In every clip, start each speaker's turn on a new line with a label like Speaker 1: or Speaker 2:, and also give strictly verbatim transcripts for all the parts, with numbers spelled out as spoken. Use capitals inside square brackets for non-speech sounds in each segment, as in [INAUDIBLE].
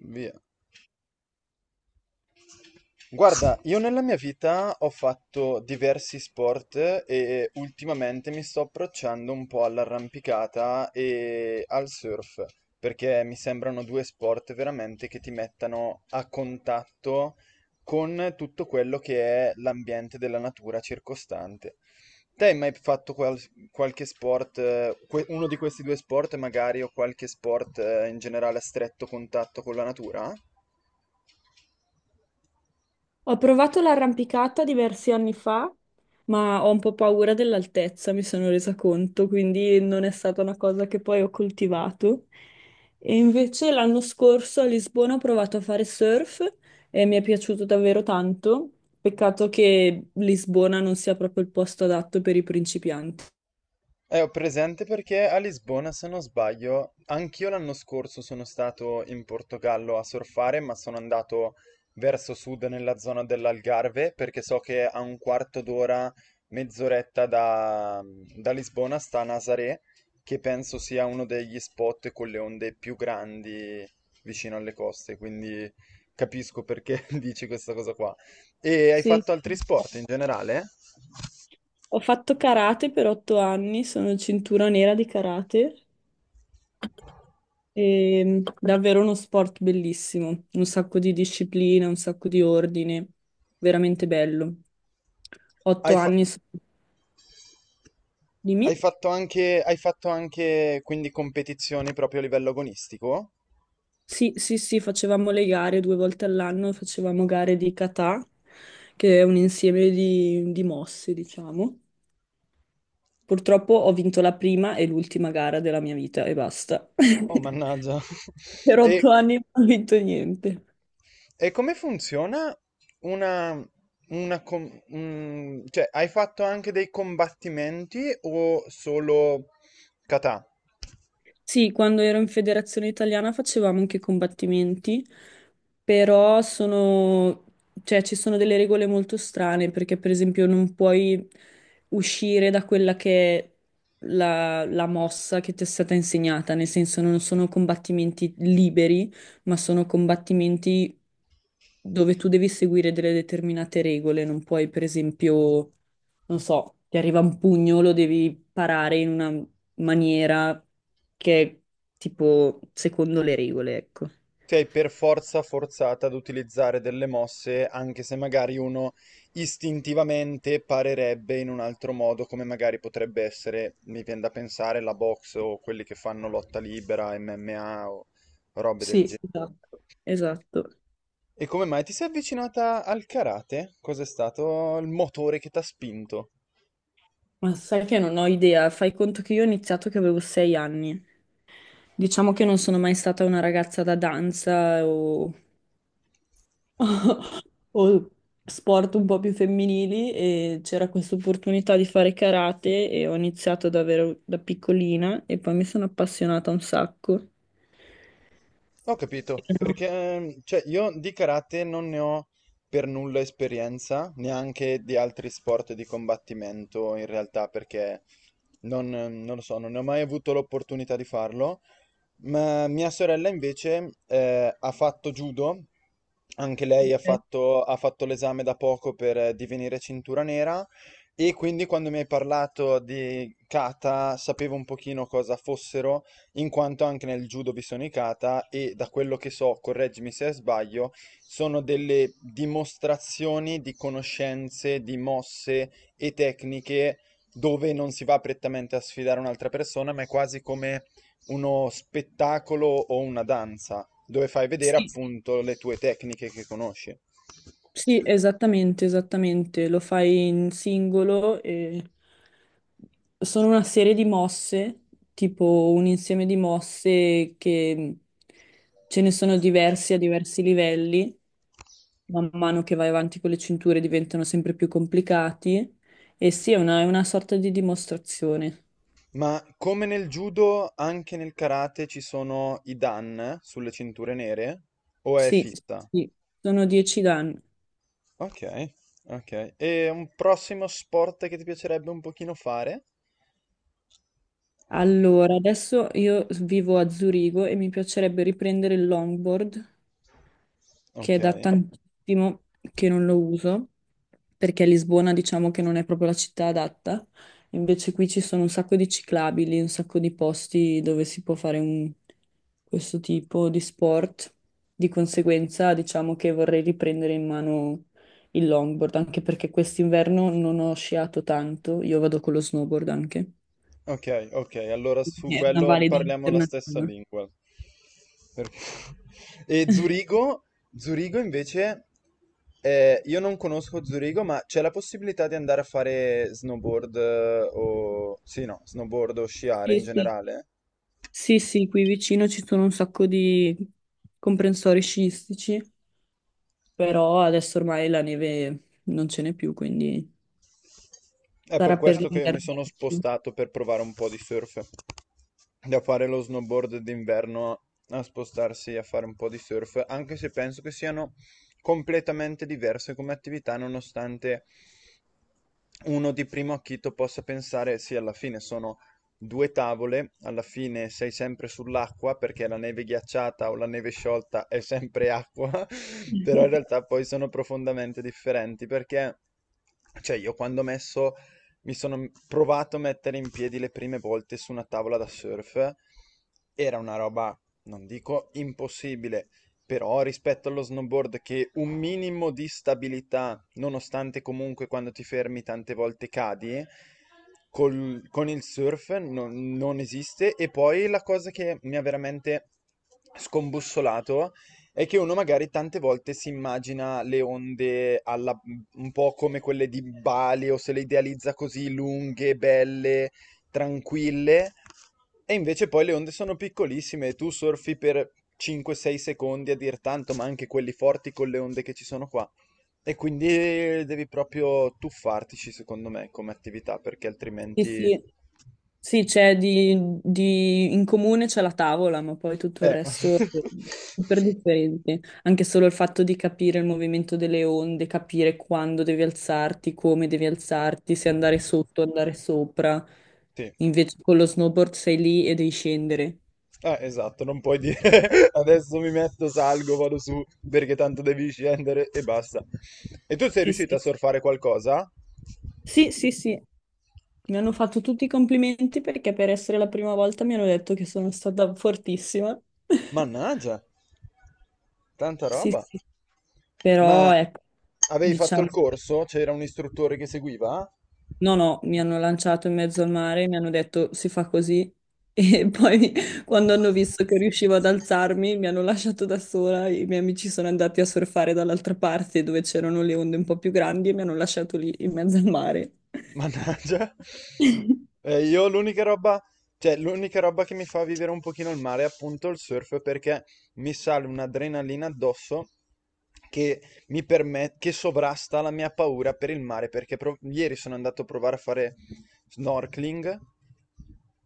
Speaker 1: Via. Guarda, io nella mia vita ho fatto diversi sport e ultimamente mi sto approcciando un po' all'arrampicata e al surf, perché mi sembrano due sport veramente che ti mettano a contatto con tutto quello che è l'ambiente della natura circostante. Te hai mai fatto qual- qualche sport, eh, que- uno di questi due sport magari o qualche sport eh, in generale a stretto contatto con la natura?
Speaker 2: Ho provato l'arrampicata diversi anni fa, ma ho un po' paura dell'altezza, mi sono resa conto, quindi non è stata una cosa che poi ho coltivato. E invece l'anno scorso a Lisbona ho provato a fare surf e mi è piaciuto davvero tanto. Peccato che Lisbona non sia proprio il posto adatto per i principianti.
Speaker 1: Eh, ho presente perché a Lisbona, se non sbaglio, anch'io l'anno scorso sono stato in Portogallo a surfare, ma sono andato verso sud nella zona dell'Algarve, perché so che a un quarto d'ora, mezz'oretta da, da Lisbona sta Nazaré, che penso sia uno degli spot con le onde più grandi vicino alle coste, quindi capisco perché [LAUGHS] dici questa cosa qua. E hai
Speaker 2: Sì.
Speaker 1: fatto altri sport in generale?
Speaker 2: Ho fatto karate per otto anni, sono cintura nera di karate. E davvero uno sport bellissimo, un sacco di disciplina, un sacco di ordine, veramente bello. Otto
Speaker 1: Hai fatto...
Speaker 2: anni so- di me.
Speaker 1: Hai fatto anche, hai fatto anche quindi competizioni proprio a livello agonistico?
Speaker 2: Sì, sì, sì, facevamo le gare due volte all'anno, facevamo gare di kata, che è un insieme di, di mosse, diciamo. Purtroppo ho vinto la prima e l'ultima gara della mia vita e basta. [LAUGHS]
Speaker 1: Oh, mannaggia. [LAUGHS]
Speaker 2: Per
Speaker 1: E,
Speaker 2: otto anni non ho vinto niente.
Speaker 1: e come funziona una, una com- mm, cioè, hai fatto anche dei combattimenti o solo kata?
Speaker 2: Sì, quando ero in federazione italiana facevamo anche combattimenti, però sono, cioè, ci sono delle regole molto strane perché per esempio non puoi uscire da quella che è la, la mossa che ti è stata insegnata, nel senso non sono combattimenti liberi, ma sono combattimenti dove tu devi seguire delle determinate regole, non puoi per esempio, non so, ti arriva un pugno, lo devi parare in una maniera che è tipo secondo le regole, ecco.
Speaker 1: Sei per forza forzato ad utilizzare delle mosse, anche se magari uno istintivamente parerebbe in un altro modo, come magari potrebbe essere, mi viene da pensare, la box o quelli che fanno lotta libera, M M A o robe del
Speaker 2: Sì,
Speaker 1: genere.
Speaker 2: esatto. Esatto.
Speaker 1: E come mai ti sei avvicinata al karate? Cos'è stato il motore che ti ha spinto?
Speaker 2: Ma sai che non ho idea, fai conto che io ho iniziato che avevo sei anni. Diciamo che non sono mai stata una ragazza da danza o... [LAUGHS] o sport un po' più femminili e c'era questa opportunità di fare karate e ho iniziato davvero da piccolina e poi mi sono appassionata un sacco.
Speaker 1: Ho capito,
Speaker 2: Però-
Speaker 1: perché ehm, cioè, io di karate non ne ho per nulla esperienza, neanche di altri sport di combattimento in realtà, perché non, non lo so, non ne ho mai avuto l'opportunità di farlo, ma mia sorella invece eh, ha fatto judo, anche lei ha
Speaker 2: Ok.
Speaker 1: fatto, ha fatto l'esame da poco per eh, divenire cintura nera e quindi quando mi hai parlato di kata sapevo un pochino cosa fossero in quanto anche nel judo vi sono i kata e da quello che so, correggimi se sbaglio, sono delle dimostrazioni di conoscenze, di mosse e tecniche dove non si va prettamente a sfidare un'altra persona, ma è quasi come uno spettacolo o una danza, dove fai vedere
Speaker 2: Sì.
Speaker 1: appunto le tue tecniche che conosci.
Speaker 2: Sì, esattamente, esattamente. Lo fai in singolo e sono una serie di mosse, tipo un insieme di mosse che mhmm, ce ne sono diversi a diversi livelli. Man mano che vai avanti con le cinture diventano sempre più complicati. E sì, è una, è una sorta di dimostrazione.
Speaker 1: Ma come nel judo, anche nel karate ci sono i dan sulle cinture nere o è
Speaker 2: Sì,
Speaker 1: fissa?
Speaker 2: sì, sono dieci danni.
Speaker 1: Ok, ok. E un prossimo sport che ti piacerebbe un pochino fare?
Speaker 2: Allora, adesso io vivo a Zurigo e mi piacerebbe riprendere il longboard, che è
Speaker 1: Ok,
Speaker 2: da tantissimo che non lo uso, perché a Lisbona diciamo che non è proprio la città adatta. Invece qui ci sono un sacco di ciclabili, un sacco di posti dove si può fare un- questo tipo di sport. Di conseguenza, diciamo che vorrei riprendere in mano il longboard, anche perché quest'inverno non ho sciato tanto, io vado con lo snowboard anche.
Speaker 1: ok, ok. Allora su
Speaker 2: È una
Speaker 1: quello
Speaker 2: valida
Speaker 1: parliamo la stessa
Speaker 2: alternativa.
Speaker 1: lingua. Perché... [LAUGHS] E Zurigo, Zurigo invece, eh, io non conosco Zurigo, ma c'è la possibilità di andare a fare snowboard eh, o... Sì, no, snowboard o sciare
Speaker 2: Sì,
Speaker 1: in
Speaker 2: sì.
Speaker 1: generale?
Speaker 2: Sì, sì, qui vicino ci sono un sacco di comprensori sciistici, però adesso ormai la neve non ce n'è più, quindi
Speaker 1: È per
Speaker 2: sarà per
Speaker 1: questo che mi
Speaker 2: l'inverno.
Speaker 1: sono spostato per provare un po' di surf. Da fare lo snowboard d'inverno a spostarsi a fare un po' di surf, anche se penso che siano completamente diverse come attività, nonostante uno di primo acchito possa pensare, sì, alla fine sono due tavole, alla fine sei sempre sull'acqua perché la neve ghiacciata o la neve sciolta è sempre acqua, [LAUGHS] però in
Speaker 2: [LAUGHS]
Speaker 1: realtà poi sono profondamente differenti perché, cioè, io quando ho messo mi sono provato a mettere in piedi le prime volte su una tavola da surf. Era una roba, non dico impossibile, però rispetto allo snowboard che un minimo di stabilità, nonostante comunque quando ti fermi tante volte cadi, col- con il surf non non esiste. E poi la cosa che mi ha veramente scombussolato è che uno magari tante volte si immagina le onde alla- un po' come quelle di Bali o se le idealizza così lunghe, belle, tranquille e invece poi le onde sono piccolissime e tu surfi per cinque sei secondi a dir tanto, ma anche quelli forti con le onde che ci sono qua. E quindi devi proprio tuffartici, secondo me, come attività, perché
Speaker 2: Sì,
Speaker 1: altrimenti...
Speaker 2: sì, sì, c'è di, di- in comune c'è la tavola, ma poi tutto il
Speaker 1: Eh,
Speaker 2: resto è
Speaker 1: [LAUGHS]
Speaker 2: super differente. Anche solo il fatto di capire il movimento delle onde, capire quando devi alzarti, come devi alzarti, se andare sotto, andare sopra.
Speaker 1: sì.
Speaker 2: Invece con lo snowboard sei lì e devi scendere.
Speaker 1: Eh, esatto, non puoi dire [LAUGHS] adesso mi metto, salgo, vado su perché tanto devi scendere e basta. E tu sei
Speaker 2: Sì, sì.
Speaker 1: riuscito a surfare qualcosa?
Speaker 2: Sì, sì, sì, mi hanno fatto tutti i complimenti perché per essere la prima volta mi hanno detto che sono stata fortissima. [LAUGHS]
Speaker 1: Mannaggia, tanta
Speaker 2: Sì,
Speaker 1: roba.
Speaker 2: sì, però
Speaker 1: Ma
Speaker 2: ecco,
Speaker 1: avevi fatto
Speaker 2: diciamo,
Speaker 1: il corso? C'era un istruttore che seguiva?
Speaker 2: no, no, mi hanno lanciato in mezzo al mare, mi hanno detto si fa così e [LAUGHS] poi quando hanno visto che riuscivo ad alzarmi mi hanno lasciato da sola, i miei amici sono andati a surfare dall'altra parte dove c'erano le onde un po' più grandi e mi hanno lasciato lì in mezzo al mare.
Speaker 1: Mannaggia. Eh, io l'unica roba, cioè l'unica roba che mi fa vivere un pochino il mare è appunto il surf perché mi sale un'adrenalina addosso che mi permette, che sovrasta la mia paura per il mare perché pro- ieri sono andato a provare a fare snorkeling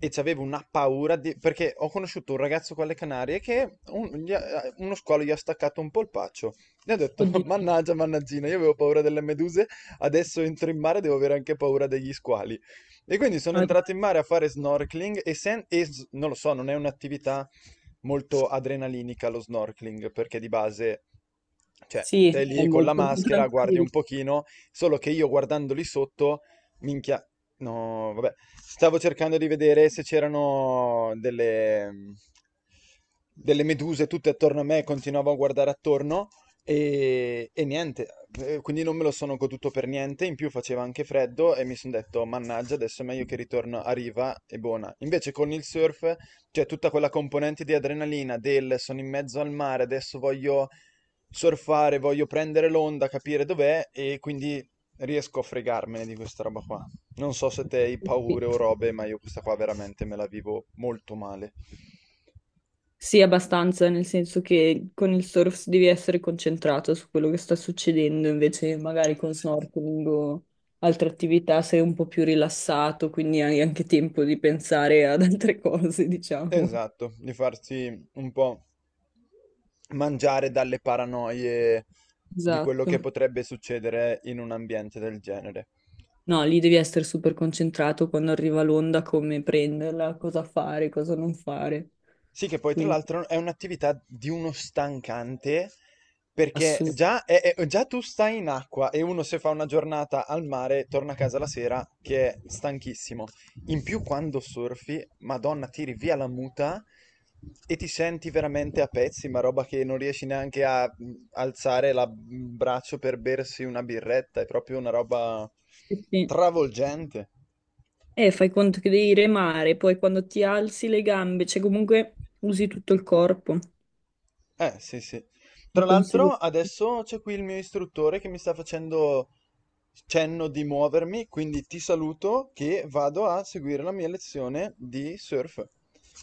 Speaker 1: e c'avevo una paura di- perché ho conosciuto un ragazzo con le Canarie che un- gli ha- uno squalo gli ha staccato un polpaccio. Ne ho detto,
Speaker 2: Oddio,
Speaker 1: [LAUGHS] mannaggia, mannaggina, io avevo paura delle meduse, adesso entro in mare, devo avere anche paura degli squali. E quindi sono entrato
Speaker 2: oddio.
Speaker 1: in mare a fare snorkeling e, sen- e s- non lo so, non è un'attività molto adrenalinica lo snorkeling, perché di base, cioè,
Speaker 2: Sì,
Speaker 1: sei
Speaker 2: è
Speaker 1: lì con la
Speaker 2: molto più
Speaker 1: maschera, guardi un
Speaker 2: tranquillo.
Speaker 1: pochino, solo che io guardando lì sotto, minchia, no, vabbè, stavo cercando di vedere se c'erano delle, delle meduse tutte attorno a me, continuavo a guardare attorno e, e niente, eh, quindi non me lo sono goduto per niente, in più faceva anche freddo e mi sono detto, mannaggia, adesso è meglio che ritorno a riva e buona. Invece con il surf c'è tutta quella componente di adrenalina del sono in mezzo al mare, adesso voglio surfare, voglio prendere l'onda, capire dov'è e quindi riesco a fregarmene di questa roba qua. Non so se te hai
Speaker 2: Sì.
Speaker 1: paure o robe, ma io questa qua veramente me la vivo molto male.
Speaker 2: Sì, abbastanza, nel senso che con il surf devi essere concentrato su quello che sta succedendo, invece magari con snorkeling o altre attività sei un po' più rilassato, quindi hai anche tempo di pensare ad altre [LAUGHS] cose, diciamo.
Speaker 1: Esatto, di farsi un po' mangiare dalle paranoie di quello che
Speaker 2: Esatto.
Speaker 1: potrebbe succedere in un ambiente del genere.
Speaker 2: No, lì devi essere super concentrato quando arriva l'onda, come prenderla, cosa fare, cosa non fare.
Speaker 1: Sì, che poi tra
Speaker 2: Quindi
Speaker 1: l'altro è un'attività di uno stancante, perché
Speaker 2: assurdo.
Speaker 1: già, è- è- già tu stai in acqua e uno se fa una giornata al mare torna a casa la sera che è stanchissimo. In più quando surfi, Madonna, tiri via la muta e ti senti veramente a pezzi, ma roba che non riesci neanche a mm, alzare la- il braccio per bersi una birretta, è proprio una roba
Speaker 2: Sì, sì.
Speaker 1: travolgente.
Speaker 2: E fai conto che devi remare, poi quando ti alzi le gambe, cioè comunque usi tutto il corpo.
Speaker 1: Eh, sì, sì.
Speaker 2: Di
Speaker 1: Tra l'altro,
Speaker 2: conseguenza.
Speaker 1: adesso c'è qui il mio istruttore che mi sta facendo cenno di muovermi, quindi ti saluto che vado a seguire la mia lezione di surf.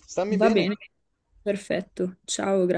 Speaker 1: Stammi
Speaker 2: Va
Speaker 1: bene.
Speaker 2: bene, perfetto. Ciao, grazie.